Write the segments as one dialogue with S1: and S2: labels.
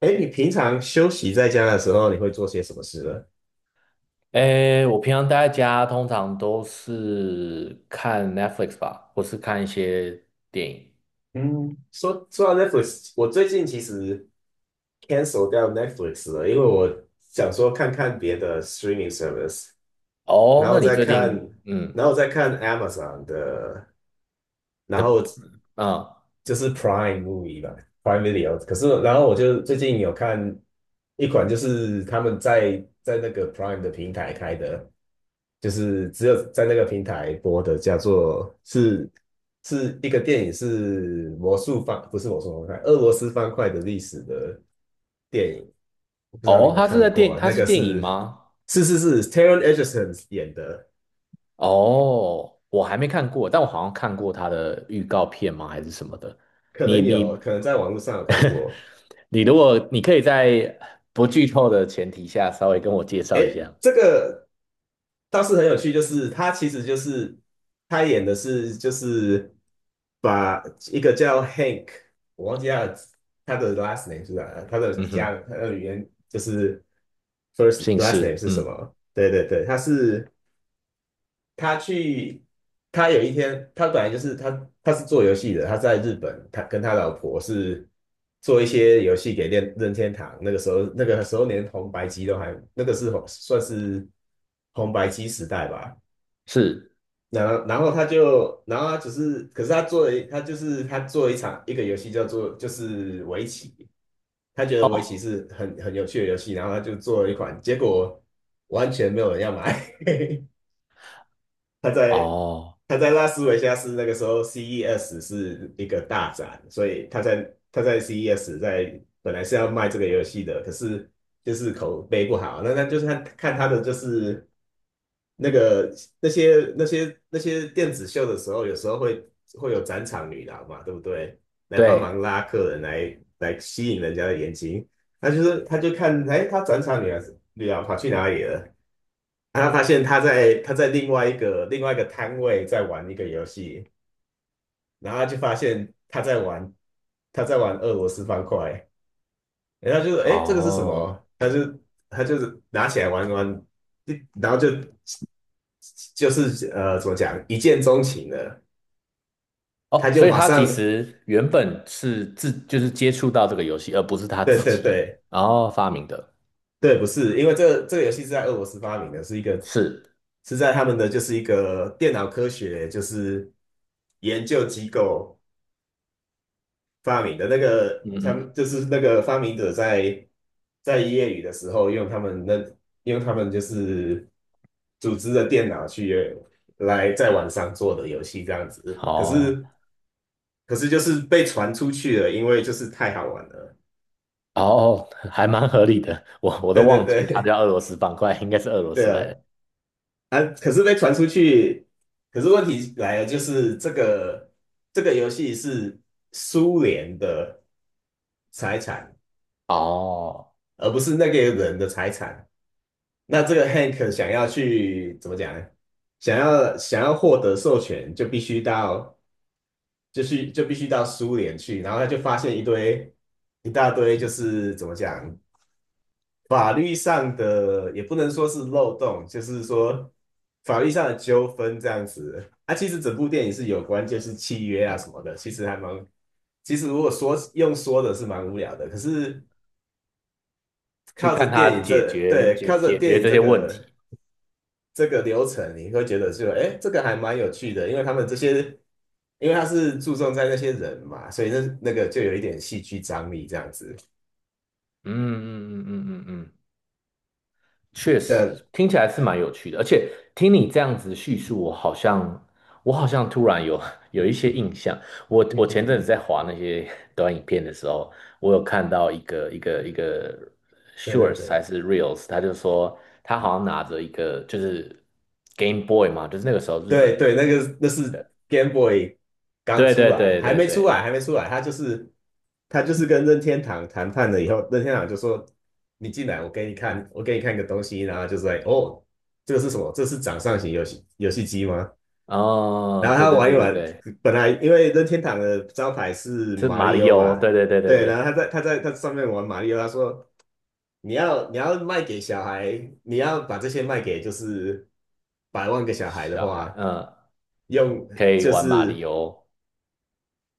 S1: 哎，你平常休息在家的时候，你会做些什么事呢？
S2: 诶，我平常待在家，通常都是看 Netflix 吧，或是看一些电影。
S1: 嗯，说到 Netflix，我最近其实 cancel 掉 Netflix 了，因为我想说看看别的 streaming service，
S2: 哦，
S1: 然后
S2: 那你
S1: 再
S2: 最
S1: 看，
S2: 近嗯
S1: 然后再看 Amazon 的，然
S2: 的
S1: 后
S2: 嗯
S1: 就是 Prime Movie 吧，Prime Video。可是，然后我就最近有看一款，就是他们在那个 Prime 的平台开的，就是只有在那个平台播的，叫做是一个电影，是魔术方，不是魔术方块，俄罗斯方块的历史的电影，我不知道你有
S2: 哦，
S1: 没有
S2: 他是
S1: 看
S2: 在
S1: 过
S2: 电
S1: 啊？
S2: 他
S1: 那
S2: 是
S1: 个
S2: 电影
S1: 是
S2: 吗？
S1: 是是是 Taron Egerton 演的，
S2: 哦，我还没看过，但我好像看过他的预告片吗？还是什么的？
S1: 可
S2: 你
S1: 能有
S2: 你
S1: 可能在网络上有看过。
S2: 你如果你可以在不剧透的前提下，稍微跟我介
S1: 哎，
S2: 绍一下。
S1: 这个倒是很有趣，就是他其实就是他演的是就是把一个叫 Hank，我忘记他的 last name 是啥，
S2: 嗯哼。
S1: 他的语言就是 first
S2: 姓
S1: last name
S2: 氏，
S1: 是什么？对对对，他是。他去，他有一天，他是做游戏的，他在日本，他跟他老婆是做一些游戏给任天堂。那个时候连红白机都还，那个是红算是红白机时代吧。
S2: 是。
S1: 然后他就，然后他只是，可是他做了一，他就是他做了一场一个游戏叫做就是围棋，他觉得围棋
S2: 哦
S1: 是很有趣的游戏，然后他就做了一款，结果完全没有人要买。他在
S2: 哦，
S1: 他在拉斯维加斯那个时候，CES 是一个大展，所以他在 CES 本来是要卖这个游戏的，可是就是口碑不好，那就是看看他的就是那个那些电子秀的时候，有时候会有展场女郎嘛，对不对？来帮
S2: 对
S1: 忙拉客人来吸引人家的眼睛，他就看哎，他展场女郎跑去哪里了？然后发现他在另外一个摊位在玩一个游戏，然后他就发现他在玩俄罗斯方块，然后他就说：“哎，这个是什
S2: 哦。
S1: 么？”他就拿起来玩一玩，然后就是怎么讲一见钟情了，他
S2: 哦，
S1: 就
S2: 所以
S1: 马
S2: 他其
S1: 上
S2: 实原本是就是接触到这个游戏，而不是他
S1: 对
S2: 自
S1: 对
S2: 己
S1: 对
S2: 然后发明的。
S1: 对，不是因为这个游戏是在俄罗斯发明的，是一个
S2: 是，
S1: 是在他们的就是一个电脑科学就是研究机构。发明的那个，
S2: 嗯
S1: 他
S2: 嗯，
S1: 们就是那个发明者在业余的时候用他们就是组织的电脑去来在网上做的游戏这样子，可
S2: 哦
S1: 是可是就是被传出去了，因为就是太好玩了，
S2: 哦，还蛮合理的。我都
S1: 对对
S2: 忘记他
S1: 对
S2: 叫俄罗斯方块，应该是俄 罗
S1: 对
S2: 斯来
S1: 啊，
S2: 的。
S1: 啊可是被传出去，可是问题来了，就是这个游戏是苏联的财产，
S2: 哦，
S1: 而不是那个人的财产。那这个 Hank 想要去怎么讲呢？想要获得授权，就必须到苏联去，然后他就发现一大堆，就是怎么讲，法律上的也不能说是漏洞，就是说法律上的纠纷这样子。啊，其实整部电影是有关就是契约啊什么的，其实还蛮，其实如果说用说的是蛮无聊的，可是
S2: 去看他解决解
S1: 靠着
S2: 解
S1: 电
S2: 决
S1: 影
S2: 这
S1: 这
S2: 些问
S1: 个。
S2: 题。
S1: 这个流程，你会觉得就哎，这个还蛮有趣的，因为他们这些，因为他是注重在那些人嘛，所以那那个就有一点戏剧张力这样子。
S2: 嗯嗯嗯嗯嗯嗯，确
S1: 对，
S2: 实听起来是蛮有趣的，而且听你这样子叙述，我好像突然有 有一些印象。我
S1: 嗯
S2: 我
S1: 嗯
S2: 前阵子
S1: 嗯，
S2: 在滑那些 短影片的时候，我有看到一个
S1: 对对
S2: shorts 还
S1: 对
S2: 是 reels，他就说他好像拿着一个就是 Game Boy 嘛，就是那个时候日
S1: 对
S2: 本
S1: 对，那是
S2: 的。
S1: Game Boy 刚
S2: 对
S1: 出
S2: 对
S1: 来，
S2: 对
S1: 还
S2: 对
S1: 没出
S2: 对，
S1: 来，还没出来，他就是跟任天堂谈判了以后，任天堂就说你进来，我给你看个东西，然后就说哦，这个是什么？这是掌上型游戏机吗？然
S2: 哦，
S1: 后
S2: 对
S1: 他
S2: 对
S1: 玩
S2: 对
S1: 一
S2: 对
S1: 玩，
S2: 对，
S1: 本来因为任天堂的招牌是
S2: 是
S1: 马
S2: 马
S1: 里
S2: 里
S1: 奥
S2: 欧，
S1: 嘛，
S2: 对对对对
S1: 对，然后
S2: 对，
S1: 他在他上面玩马里奥，他说你要卖给小孩，你要把这些卖给就是百万个小孩的
S2: 小孩，
S1: 话，
S2: 嗯，
S1: 用
S2: 可以
S1: 就
S2: 玩马里
S1: 是
S2: 欧。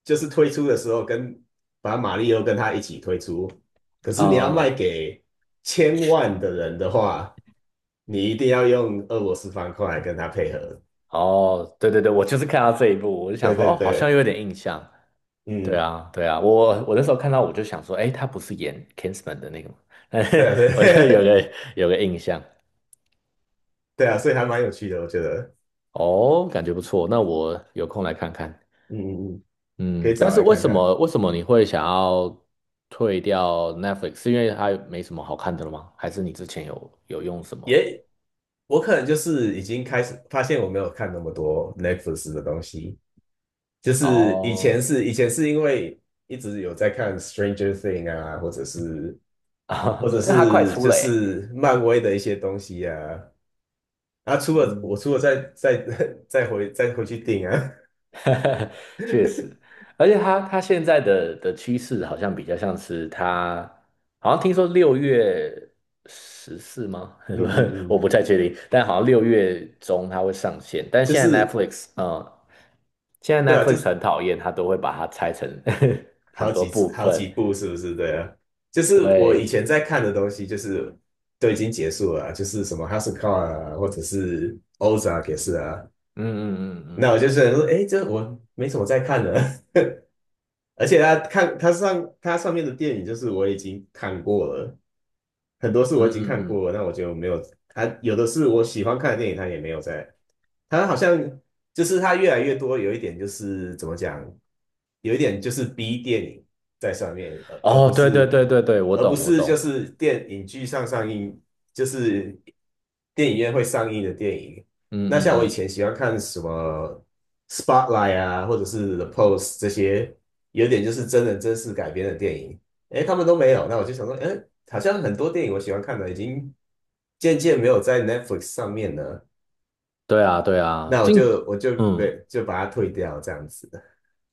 S1: 就是推出的时候把马里奥跟他一起推出，可是你要卖
S2: 哦，
S1: 给千万的人的话，你一定要用俄罗斯方块跟他配合，
S2: 哦，对对对，我就是看到这一部，我就想
S1: 对
S2: 说，
S1: 对
S2: 哦，好像
S1: 对，
S2: 有点印象。对
S1: 嗯，
S2: 啊，对啊，我那时候看到我就想说，哎，他不是演 Kingsman 的那个吗？
S1: 对
S2: 我就有
S1: 对。
S2: 个有个印象。
S1: 对啊，所以还蛮有趣的，我觉得，
S2: 哦，感觉不错，那我有空来看看。
S1: 嗯嗯嗯，可
S2: 嗯，
S1: 以
S2: 但
S1: 找
S2: 是
S1: 来
S2: 为
S1: 看
S2: 什
S1: 看。
S2: 么为什么你会想要退掉 Netflix？是因为它没什么好看的了吗？还是你之前有用什么？
S1: 也，我可能就是已经开始发现我没有看那么多 Netflix 的东西，就是以
S2: 哦，
S1: 前是以前是因为一直有在看 Stranger Thing 啊，或者是 或
S2: 啊，
S1: 者
S2: 但它快
S1: 是
S2: 出
S1: 就
S2: 了欸。
S1: 是漫威的一些东西啊，啊，除了我
S2: 嗯。
S1: 除了再回去订啊，
S2: 确实，而且它现在的趋势好像比较像是它，好像听说6月14吗？
S1: 嗯嗯
S2: 我
S1: 嗯，
S2: 不太确定，但好像六月中它会上线。但
S1: 就
S2: 现在
S1: 是
S2: Netflix，现在
S1: 对啊，就
S2: Netflix
S1: 是
S2: 很讨厌，它都会把它拆成 很
S1: 好
S2: 多
S1: 几
S2: 部
S1: 好几
S2: 分。
S1: 部是不是？对啊，就是我以
S2: 对，
S1: 前在看的东西，就是都已经结束了啊就是什么 House Call 啊，或者是 Ozark 也是啊。
S2: 嗯嗯嗯
S1: 那我就是说，哎，这我没什么在看的。而且他上面的电影，就是我已经看过了，很多是我已经
S2: 嗯嗯嗯
S1: 看
S2: 嗯，
S1: 过，那我就没有。还有的是我喜欢看的电影，他也没有在。他好像就是他越来越多，有一点就是怎么讲，有一点就是 B 电影在上面，而而不
S2: 哦，对对
S1: 是
S2: 对对对，我
S1: 而不
S2: 懂我
S1: 是就
S2: 懂，
S1: 是电影剧上映，就是电影院会上映的电影。
S2: 嗯
S1: 那像我以
S2: 嗯嗯，
S1: 前喜欢看什么 Spotlight 啊，或者是 The Post 这些，有点就是真人真事改编的电影。哎，他们都没有，那我就想说，哎，好像很多电影我喜欢看的已经渐渐没有在 Netflix 上面了，
S2: 对啊对啊，
S1: 那我
S2: 近，
S1: 就我就没
S2: 嗯。
S1: 就把它退掉这样子。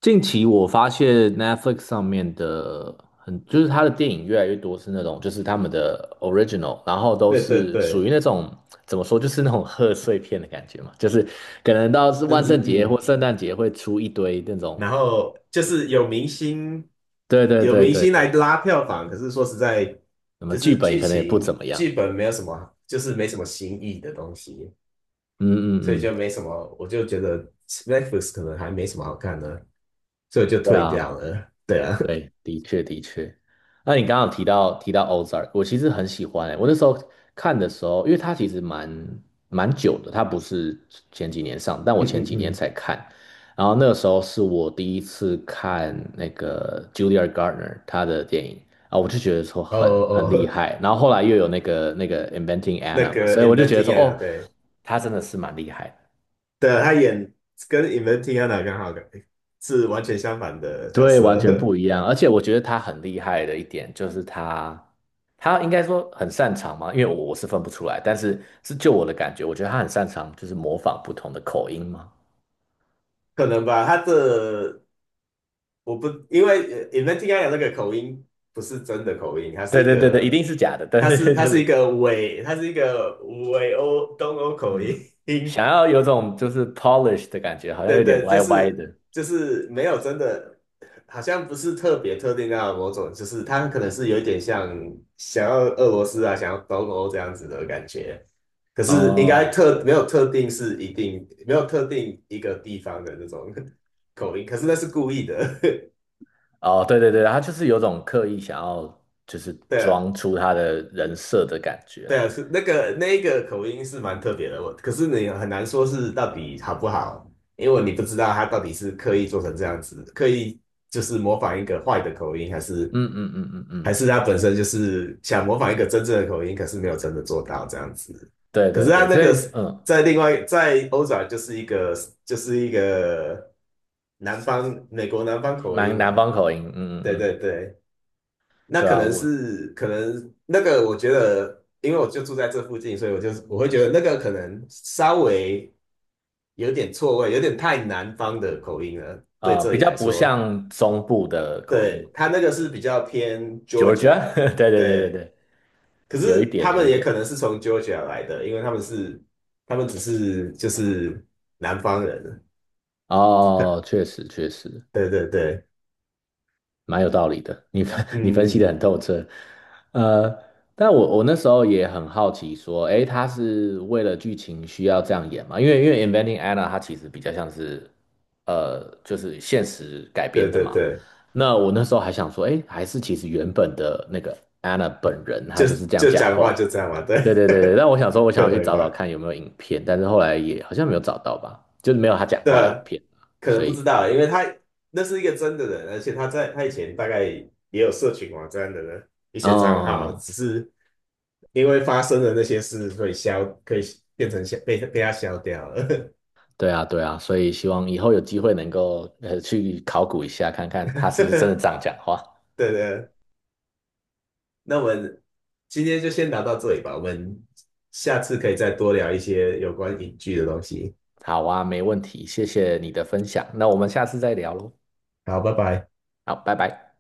S2: 近期我发现 Netflix 上面的很，就是它的电影越来越多是那种，就是他们的 original，然后 都
S1: 对对
S2: 是属
S1: 对，
S2: 于那种怎么说，就是那种贺岁片的感觉嘛，就是可能到是
S1: 嗯
S2: 万
S1: 嗯
S2: 圣节
S1: 嗯。
S2: 或圣诞节会出一堆那种，
S1: 然后就是有明星
S2: 对对
S1: 有
S2: 对
S1: 明
S2: 对
S1: 星
S2: 对，
S1: 来拉票房，可是说实在，
S2: 那么
S1: 就
S2: 剧
S1: 是
S2: 本
S1: 剧
S2: 可能也不
S1: 情
S2: 怎么样，
S1: 剧本没有什么，就是没什么新意的东西，
S2: 嗯
S1: 所以就
S2: 嗯嗯，
S1: 没什么，我就觉得 Netflix 可能还没什么好看的，所以我就
S2: 对
S1: 退
S2: 啊。
S1: 掉了。对啊，
S2: 对，的确的确。那你刚刚有提到 Ozark，我其实很喜欢欸，我那时候看的时候，因为它其实蛮久的，它不是前几年上，但 我
S1: 嗯
S2: 前
S1: 嗯
S2: 几年
S1: 嗯，
S2: 才看。然后那个时候是我第一次看那个 Julia Garner 她的电影啊，我就觉得说
S1: 哦
S2: 很厉
S1: 哦。
S2: 害。然后后来又有那个 Inventing
S1: 那
S2: Anna 嘛，
S1: 个
S2: 所以我就觉得
S1: Inventing
S2: 说
S1: Anna
S2: 哦，
S1: 对
S2: 她真的是蛮厉害的。
S1: 的，他演跟 Inventing Anna 刚好是完全相反的角
S2: 对，完全
S1: 色，
S2: 不一样。而且我觉得他很厉害的一点就是他应该说很擅长嘛，因为我是分不出来，但是是就我的感觉，我觉得他很擅长就是模仿不同的口音嘛。
S1: 可能吧？他的我不因为Inventing Anna 那个口音不是真的口音，
S2: 对对对对，一定是假的，但是
S1: 他
S2: 就
S1: 是一
S2: 是
S1: 个伪东欧口音，
S2: 嗯，想要有种就是 polish 的感觉，好像
S1: 对
S2: 有点
S1: 对，就
S2: 歪歪
S1: 是
S2: 的。
S1: 就是没有真的，好像不是特别特定到某种，就是他可能是有一点像想要俄罗斯啊，想要东欧这样子的感觉。可是应该
S2: 哦
S1: 没有特定是一定没有特定一个地方的那种 口音，可是那是故意的。
S2: 哦，对对对，他就是有种刻意想要就是
S1: 对啊
S2: 装出他的人设的感觉
S1: 对
S2: 啦。
S1: 啊，是那个那一个口音是蛮特别的，我可是你很难说是到底好不好，因为你不知道他到底是刻意做成这样子，刻意就是模仿一个坏的口音，还是。
S2: 嗯嗯嗯嗯
S1: 还
S2: 嗯，
S1: 是他本身就是想模仿一个真正的口音，可是没有真的做到这样子。
S2: 对
S1: 可是
S2: 对
S1: 他
S2: 对，
S1: 那
S2: 所
S1: 个
S2: 以
S1: 在另外在欧洲啊就是一个就是一个美国南方口
S2: 蛮
S1: 音
S2: 南
S1: 嘛，
S2: 方口音，嗯嗯
S1: 对
S2: 嗯。
S1: 对对，那
S2: 对
S1: 可
S2: 啊，
S1: 能
S2: 我
S1: 是可能那个我觉得，因为我就住在这附近，所以我就是我会觉得那个可能稍微有点错位，有点太南方的口音了，对
S2: 啊
S1: 这
S2: 比
S1: 里
S2: 较
S1: 来
S2: 不
S1: 说，
S2: 像中部的口音
S1: 对
S2: 嘛
S1: 他那个是比较偏
S2: ，Georgia，
S1: Georgia，
S2: 对对对对
S1: 对。
S2: 对，
S1: 可
S2: 有一
S1: 是他
S2: 点有
S1: 们
S2: 一
S1: 也
S2: 点
S1: 可能是从 Georgia 来的，因为他们只是就是南方人，
S2: 哦，确实确实，
S1: 对对对，
S2: 蛮有道理的，你分 你分析的
S1: 嗯，
S2: 很透彻。呃，但我那时候也很好奇，说，诶，他是为了剧情需要这样演吗？因为《Inventing Anna》它其实比较像是，就是现实改
S1: 对
S2: 编的
S1: 对
S2: 嘛。
S1: 对，
S2: 那我那时候还想说，诶，还是其实原本的那个 Anna 本人，
S1: 就
S2: 她就是这样
S1: 就
S2: 讲
S1: 讲话
S2: 话。
S1: 就这样嘛，对，
S2: 对对对对，但我想说，我 想
S1: 可
S2: 要去
S1: 能
S2: 找找
S1: 吧，
S2: 看有没有影片，但是后来也好像没有找到吧，就是没有她讲
S1: 对
S2: 话的影
S1: 啊
S2: 片，
S1: 可能
S2: 所
S1: 不知
S2: 以，
S1: 道，因为他那是一个真的人，而且他在他以前大概也有社群网站的一些账号，
S2: 哦。
S1: 只是因为发生的那些事，所以消可以变成消被他消掉了，
S2: 对啊，对啊，所以希望以后有机会能够去考古一下，看看他是不是真的这样讲话。
S1: 对对。那我们今天就先聊到这里吧，我们下次可以再多聊一些有关影剧的东西。
S2: 好啊，没问题，谢谢你的分享，那我们下次再聊喽。
S1: 好，拜拜。
S2: 好，拜拜。